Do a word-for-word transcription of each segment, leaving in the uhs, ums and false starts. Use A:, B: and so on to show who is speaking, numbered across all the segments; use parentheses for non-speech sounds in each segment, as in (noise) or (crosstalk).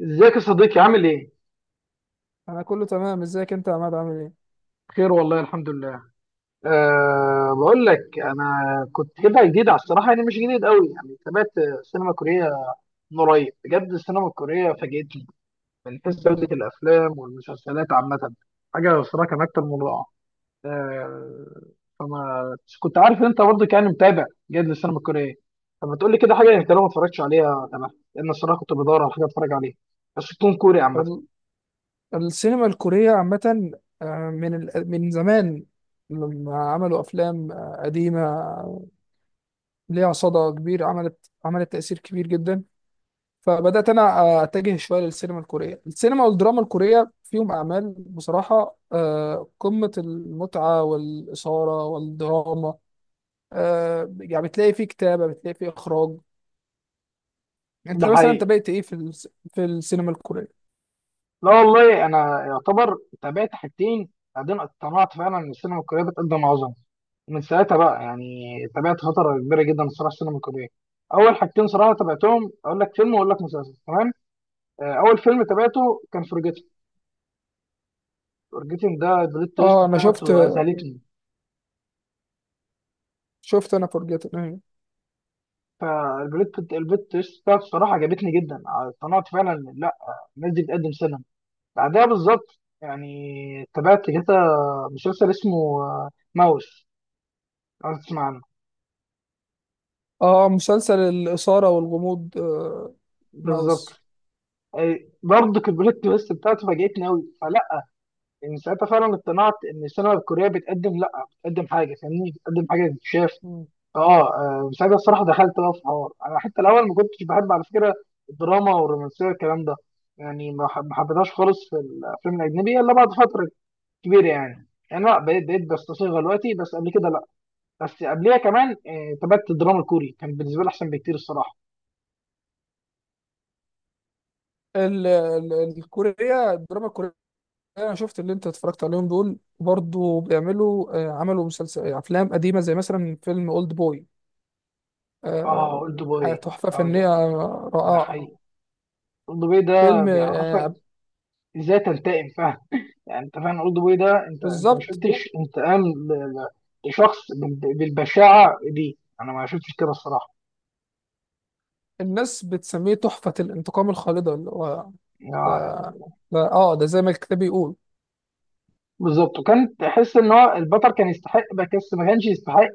A: ازيك يا صديقي؟ عامل ايه؟
B: انا كله تمام. ازيك انت يا عماد، عامل ايه؟
A: خير والله، الحمد لله. أه، بقول لك انا كنت كده جديد على الصراحه، يعني مش جديد قوي، يعني تابعت السينما الكوريه من قريب. بجد السينما الكوريه فاجئتني من حيث جوده الافلام والمسلسلات عامه، حاجه الصراحه كان اكتر من رائعه. أه، فما كنت عارف ان انت برضه كان متابع جيد للسينما الكوريه، فما تقول لي كده حاجه انت لو ما اتفرجتش عليها؟ تمام؟ لان الصراحه كنت بدور على حاجه اتفرج عليها، بس تكون كوري عامه.
B: ال- السينما الكورية عامة، آه، من ال- من زمان لما عملوا افلام آه، قديمة، آه، ليها صدى كبير، عملت عملت تأثير كبير جدا. فبدأت انا آه، اتجه شوية للسينما الكورية. السينما والدراما الكورية فيهم اعمال بصراحة آه، قمة المتعة والإثارة والدراما. آه، يعني بتلاقي فيه كتابة، بتلاقي فيه اخراج.
A: ده
B: انت مثلا انت
A: حقيقي.
B: بقيت ايه في الس- في السينما الكورية؟
A: لا والله، انا يعتبر تابعت حاجتين، بعدين اقتنعت فعلا ان السينما الكوريه بتقدم عظمه، ومن ساعتها بقى يعني تابعت فتره كبيره جدا الصراحه السينما الكوريه. اول حاجتين صراحه تابعتهم، اقول لك فيلم واقول لك مسلسل، تمام؟ آه، اول فيلم تابعته كان فورجيتن. فورجيتن ده البلوت تويست
B: اه، انا
A: بتاعته
B: شفت،
A: اذهلتني.
B: شفت انا فورجيتن، ايوه.
A: فالبلوت البلوت تويست بتاعته الصراحه عجبتني جدا، اقتنعت فعلا إن لا، الناس دي بتقدم سينما. بعدها بالظبط يعني تابعت كده مسلسل اسمه آه، ماوس، لو تسمع عنه.
B: اه، مسلسل الاثاره والغموض، آه،
A: بالظبط.
B: ماوس.
A: أي- برضه كبريت بس بتاعته فاجأتني قوي، فلا، من ساعتها فعلا اقتنعت ان السينما الكوريه بتقدم، لا بتقدم حاجه فاهمني، بتقدم حاجه تتشاف.
B: مم.
A: اه. آه، من ساعتها الصراحه دخلت بقى في حوار، انا حتى الاول ما كنتش بحب على فكره الدراما والرومانسيه والكلام ده، يعني ما حب- ما حبيتهاش خالص في الافلام الاجنبيه الا بعد فتره كبيره، يعني يعني لا، بقيت بقيت بستصيغها دلوقتي، بس قبل كده لا. بس قبليها كمان آه، تابعت الدراما الكوري، كان بالنسبه لي احسن بكتير الصراحه.
B: ال- ال- الكورية، الدراما الكورية. أنا شفت اللي أنت اتفرجت عليهم دول، برضو بيعملوا، آه، عملوا مسلسل آه، أفلام قديمة، زي مثلا فيلم أولد بوي.
A: اه اولد
B: آه،
A: بوي،
B: تحفة فنية
A: اه. ده
B: رائعة.
A: حقيقي. اولد بوي ده
B: فيلم،
A: بيعرفك
B: آه،
A: ازاي تنتقم، فاهم؟ يعني انت فاهم اولد بوي ده؟ انت انت ما
B: بالظبط.
A: شفتش انتقام ل- ل- لشخص بال- بالبشاعه دي، انا ما شفتش كده الصراحه.
B: الناس بتسميه تحفة الانتقام الخالدة، اللي هو
A: آه،
B: ده.
A: يعني.
B: ده اه، ده زي ما الكتاب بيقول.
A: بالظبط، وكان تحس ان هو البطل كان يستحق، بس ما كانش يستحق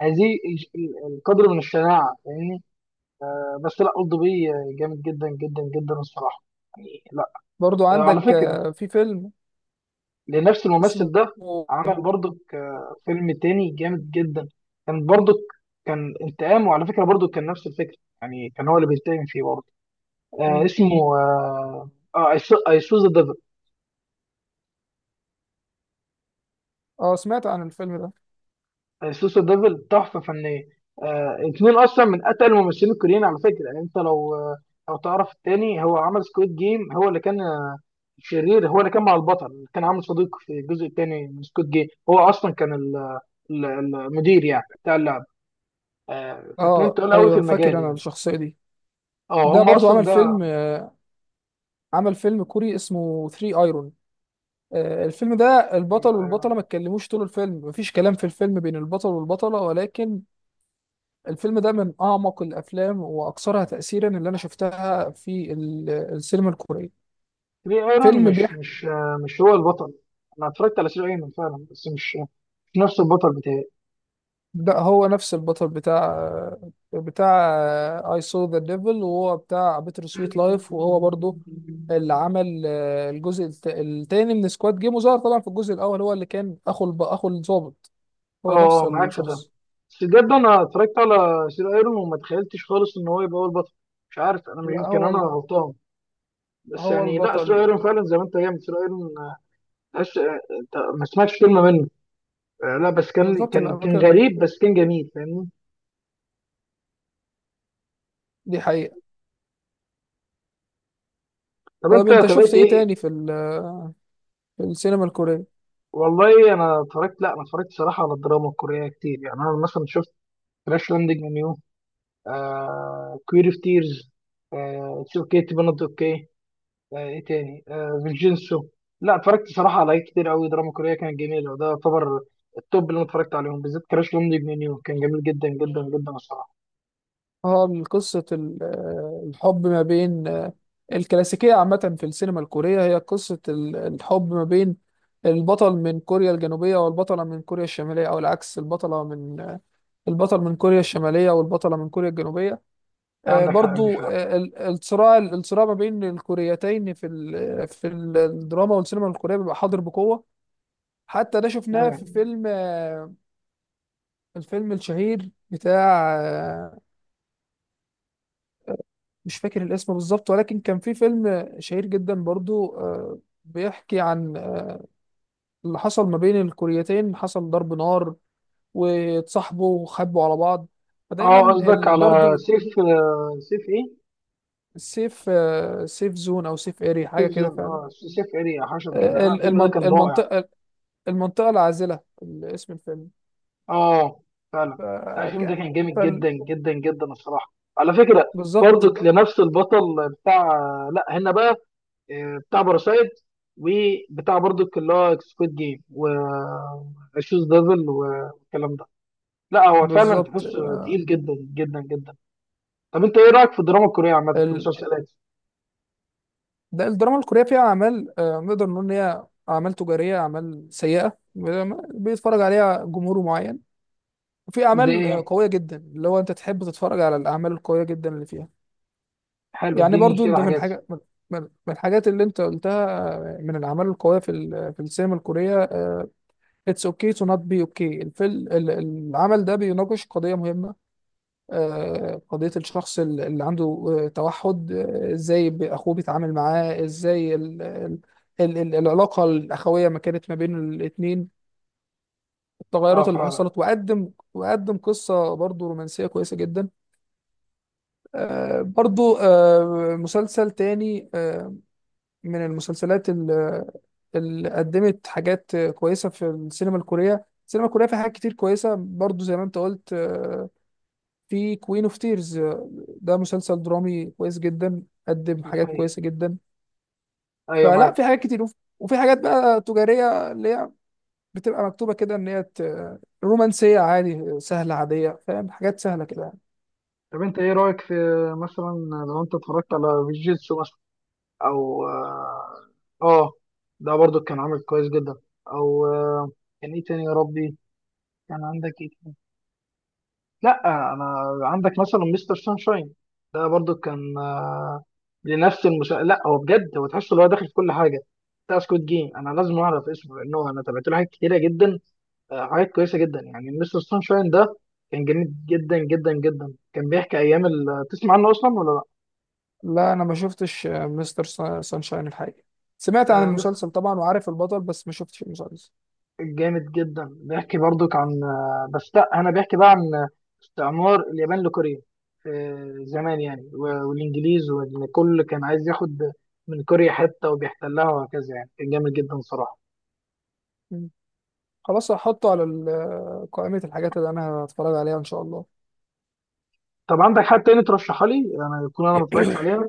A: هذه الج- ال- القدر من الشناعه، فاهمني؟ آه، بس لا، اولد بوي جامد جدا جدا جدا الصراحه، يعني لا.
B: برضو
A: آه، على
B: عندك
A: فكره،
B: آه، في فيلم
A: لنفس الممثل
B: اسمه،
A: ده، عمل برضك آه، فيلم تاني جامد جدا، كان برضك كان انتقام، وعلى فكرة برضك كان نفس الفكرة، يعني كان هو اللي بينتقم فيه برضه. آه اسمه، اه، اي سو ذا ديفل.
B: اه، سمعت عن الفيلم ده.
A: اي سو ذا ديفل تحفة فنية. آه، اتنين اصلا من اتقل الممثلين الكوريين على فكرة، يعني انت لو آه، لو تعرف التاني، هو عمل سكويد جيم، هو اللي كان آه، شرير، هو اللي كان مع البطل اللي كان عامل صديق في الجزء التاني من سكويد جيم، هو اصلا كان ال- ال- المدير يعني بتاع اللعبة. آه، فاتنين
B: اه
A: تقول قوي في
B: ايوه،
A: المجال
B: فاكر انا
A: يعني.
B: الشخصيه دي.
A: اه
B: ده
A: هم
B: برضو
A: اصلا
B: عمل
A: ده.
B: فيلم، عمل فيلم كوري اسمه ثري ايرون. آه، الفيلم ده البطل
A: آه،
B: والبطله ما اتكلموش طول الفيلم، مفيش كلام في الفيلم بين البطل والبطله، ولكن الفيلم ده من اعمق الافلام واكثرها تاثيرا اللي انا شفتها في ال- السينما الكوريه.
A: تري ايرون،
B: فيلم
A: مش
B: بيحكي.
A: مش آه، مش هو البطل؟ انا اتفرجت على تري ايرون فعلا، بس مش مش نفس البطل بتاعي.
B: ده هو نفس البطل بتاع، بتاع آه، I saw the devil، وهو بتاع بيتر
A: اه.
B: سويت لايف، وهو برضو اللي عمل، آه، الجزء الت- التاني من سكواد جيم، وظهر طبعا في الجزء الاول هو اللي كان اخو الب... اخو الضابط. هو نفس
A: آه، معاك في ده،
B: الشخص.
A: بس بجد انا اتفرجت على سير ايرون وما تخيلتش خالص ان هو يبقى هو البطل. مش عارف، انا مش-
B: لا،
A: يمكن
B: هو
A: انا
B: ال-
A: غلطان، بس
B: هو
A: يعني لا، سير
B: البطل.
A: ايرون فعلا زي ما انت، جامد. سير ايرون آه، تحس آه، انت ما سمعتش كلمه منه. آه، لا بس كان
B: بالظبط، اللي
A: كان
B: انا
A: كان
B: كان،
A: غريب، بس كان جميل، فاهمني؟
B: دي حقيقة.
A: طب انت
B: طب انت شفت
A: تابعت
B: ايه تاني
A: ايه؟
B: في ال... في السينما الكورية؟
A: والله انا اتفرجت، لا انا اتفرجت صراحه على الدراما الكوريه كتير، يعني انا مثلا شفت كراش لاندنج اون يو، كوير اوف تيرز، اتس اوكي تو بي نوت اوكي، ايه تاني، فينجينسو. لا اتفرجت صراحه على حاجات كتير قوي دراما كوريه كانت جميله، وده يعتبر التوب اللي انا اتفرجت عليهم. بالذات كراش لاندنج اون يو كان جميل جدا جدا جدا الصراحه.
B: اه، قصة ال- آه، الحب ما بين، آه، الكلاسيكية عامة في السينما الكورية هي قصة ال- الحب ما بين البطل من كوريا الجنوبية والبطلة من كوريا الشمالية، أو العكس، البطلة من، آه، البطل من كوريا الشمالية والبطلة من كوريا الجنوبية.
A: لا،
B: آه،
A: عندك حق، دي
B: برضو،
A: فعلا.
B: آه، ال- الصراع الصراع ما بين الكوريتين في ال- في ال- الدراما والسينما الكورية بيبقى حاضر بقوة. حتى ده شفناه في
A: اه،
B: فيلم، آه، الفيلم الشهير بتاع، آه، مش فاكر الاسم بالظبط، ولكن كان في فيلم شهير جدا برضو، آه، بيحكي عن، آه، اللي حصل ما بين الكوريتين، حصل ضرب نار واتصاحبوا وخبوا على بعض.
A: آه،
B: فدايما
A: قصدك
B: ال-
A: على
B: برضو
A: سيف، آه، سيف ايه؟
B: السيف، آه، سيف زون او سيف اري، حاجه
A: سيف
B: كده
A: زون،
B: فعلا.
A: اه سيف اريا، حشر كده.
B: آه،
A: لا
B: ال-
A: الفيلم ده
B: المن-
A: كان رائع.
B: المنطقه، المنطقه العازله، ال- اسم الفيلم.
A: اه فعلا. لا
B: ف-
A: الفيلم ده
B: ك-
A: كان جامد
B: فال-
A: جدا جدا جدا الصراحه، على فكره.
B: بالظبط.
A: برضك لنفس البطل بتاع، لا هنا بقى آه، بتاع باراسايت، وبتاع برضك اللي هو سكويد جيم، و شوز ديفل والكلام ده. لا هو فعلا
B: بالظبط،
A: تحس تقيل جدا جدا جدا. طب انت ايه رايك في الدراما الكوريه عامه كمسلسلات؟
B: ده الدراما الكورية فيها أعمال، آه، نقدر نقول إن هي أعمال تجارية، أعمال سيئة بيتفرج عليها جمهور معين، وفي
A: زي
B: أعمال، آه،
A: ايه،
B: قوية جدا، اللي هو أنت تحب تتفرج على الأعمال القوية جدا اللي فيها،
A: حلو،
B: يعني،
A: اديني
B: برضو
A: كده
B: أنت في
A: حاجات.
B: الحاجة من من- من الحاجات اللي أنت قلتها. آه، من الأعمال القوية في ال- في السينما الكورية، آه، It's okay to not be okay. الفيلم ال- العمل ده بيناقش قضية مهمة. آه، قضية الشخص ال- اللي عنده، آه، توحد، آه، ازاي ب- اخوه بيتعامل معاه ازاي، ال- ال- ال- ال- العلاقة الأخوية ما كانت ما بين الاتنين،
A: اه
B: التغيرات اللي
A: فعلا.
B: حصلت، وقدم وقدم قصة برضو رومانسية كويسة جدا. آه، برضو، آه، مسلسل تاني، آه، من المسلسلات ال- اللي قدمت حاجات كويسة في السينما الكورية. السينما الكورية فيها حاجات كتير كويسة، برضو زي ما انت قلت، آه، في كوين اوف تيرز، ده مسلسل درامي كويس جدا، قدم
A: ده
B: حاجات
A: حقيقي.
B: كويسه جدا.
A: ايوه
B: فلا،
A: معاك.
B: في حاجات كتير، وف- وفي حاجات بقى تجاريه اللي هي بتبقى مكتوبه كده ان هي ت- رومانسيه عادي، سهله، عاديه، فاهم، حاجات سهله كده يعني.
A: طب انت ايه رايك في، مثلا، لو انت اتفرجت على فيجيتسو مثلا، او اه آه، ده برضو كان عامل كويس جدا، او آه، كان ايه تاني يا ربي، كان عندك ايه تاني؟ لا انا، عندك مثلا مستر سانشاين، ده برضو كان آه، لنفس المسا... لا هو بجد هو تحس ان هو داخل في كل حاجه، بتاع سكوت جيم. انا لازم اعرف اسمه لانه انا تابعت له حاجات كتيره جدا، آه، حاجات كويسه جدا، يعني مستر سانشاين ده كان جميل جدا جدا جدا. كان بيحكي ايام ال... تسمع عنه اصلا ولا لا؟
B: لا، انا ما شفتش مستر سانشاين الحقيقه. سمعت عن
A: آه،
B: المسلسل طبعا، وعارف البطل، بس ما شفتش المسلسل.
A: جامد جدا، بيحكي برضك عن آه، بس لا انا، بيحكي بقى عن استعمار اليابان لكوريا آه، زمان يعني، و- والانجليز، وان كل كان عايز ياخد من كوريا حته وبيحتلها وهكذا، يعني كان جامد جدا صراحه.
B: مم. خلاص، هحطه على ال- قائمه الحاجات اللي انا هتفرج عليها ان شاء الله.
A: طب عندك حد تاني ترشحها لي انا يكون انا ما اتفرجتش
B: (coughs)
A: عليها؟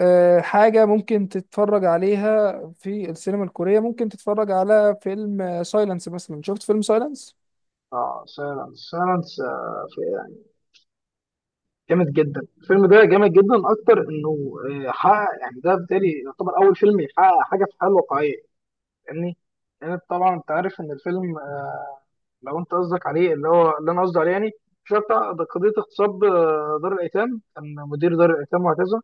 B: آه، حاجة ممكن تتفرج عليها في السينما الكورية، ممكن تتفرج على فيلم سايلنس مثلا. شفت فيلم سايلنس؟
A: اه سايلنس، سايلنس، آه، في- يعني جامد جدا الفيلم ده، جامد جدا اكتر انه آه، حقق، يعني ده بالتالي يعتبر اول فيلم يحقق حاجه في الحياه الواقعيه، فاهمني؟ لان يعني طبعا انت عارف ان الفيلم، لو انت قصدك عليه اللي هو اللي انا قصدي عليه يعني، مش هو بتاع ده قضيه اغتصاب، آه، دار الايتام، كان مدير دار الايتام وهكذا،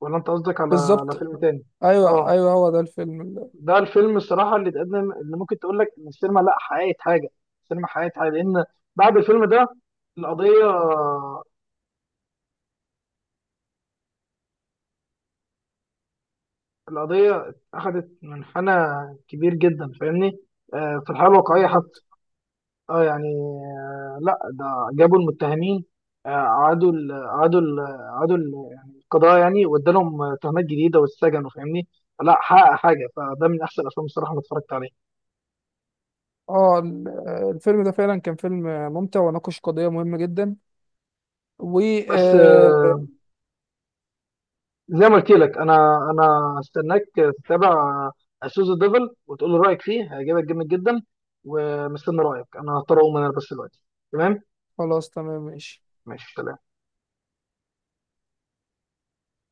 A: ولا انت قصدك على على
B: بالظبط.
A: فيلم تاني؟
B: ايوه
A: اه.
B: ايوه، هو ده الفيلم ال-
A: ده الفيلم الصراحه اللي اتقدم، اللي ممكن تقول لك ان السينما، لا حققت حاجه، السينما حققت حاجه، لان بعد الفيلم ده القضيه، القضيه اخذت منحنى كبير جدا، فاهمني؟ آه، في الحاله الواقعيه
B: بالظبط.
A: حتى. اه يعني آه، لا ده، جابوا المتهمين، آه، اعادوا ال- اعادوا ال- اعادوا ال- يعني القضاء يعني، وادالهم آه، تهمات جديده واتسجنوا، فاهمني؟ لا حقق حاجه، فده من احسن الافلام الصراحه اللي اتفرجت عليها.
B: اه، ال- آه، الفيلم ده فعلا كان فيلم ممتع وناقش قضية مهمة جدا. و،
A: بس
B: آه،
A: آه، زي ما قلت لك، انا انا هستناك تتابع سوز ديفل وتقول لي رايك فيه، هيعجبك جامد جدا. ومستني رايك. انا هضطر اقوم انا بس دلوقتي. تمام؟
B: خلاص تمام، ماشي.
A: ماشي، سلام.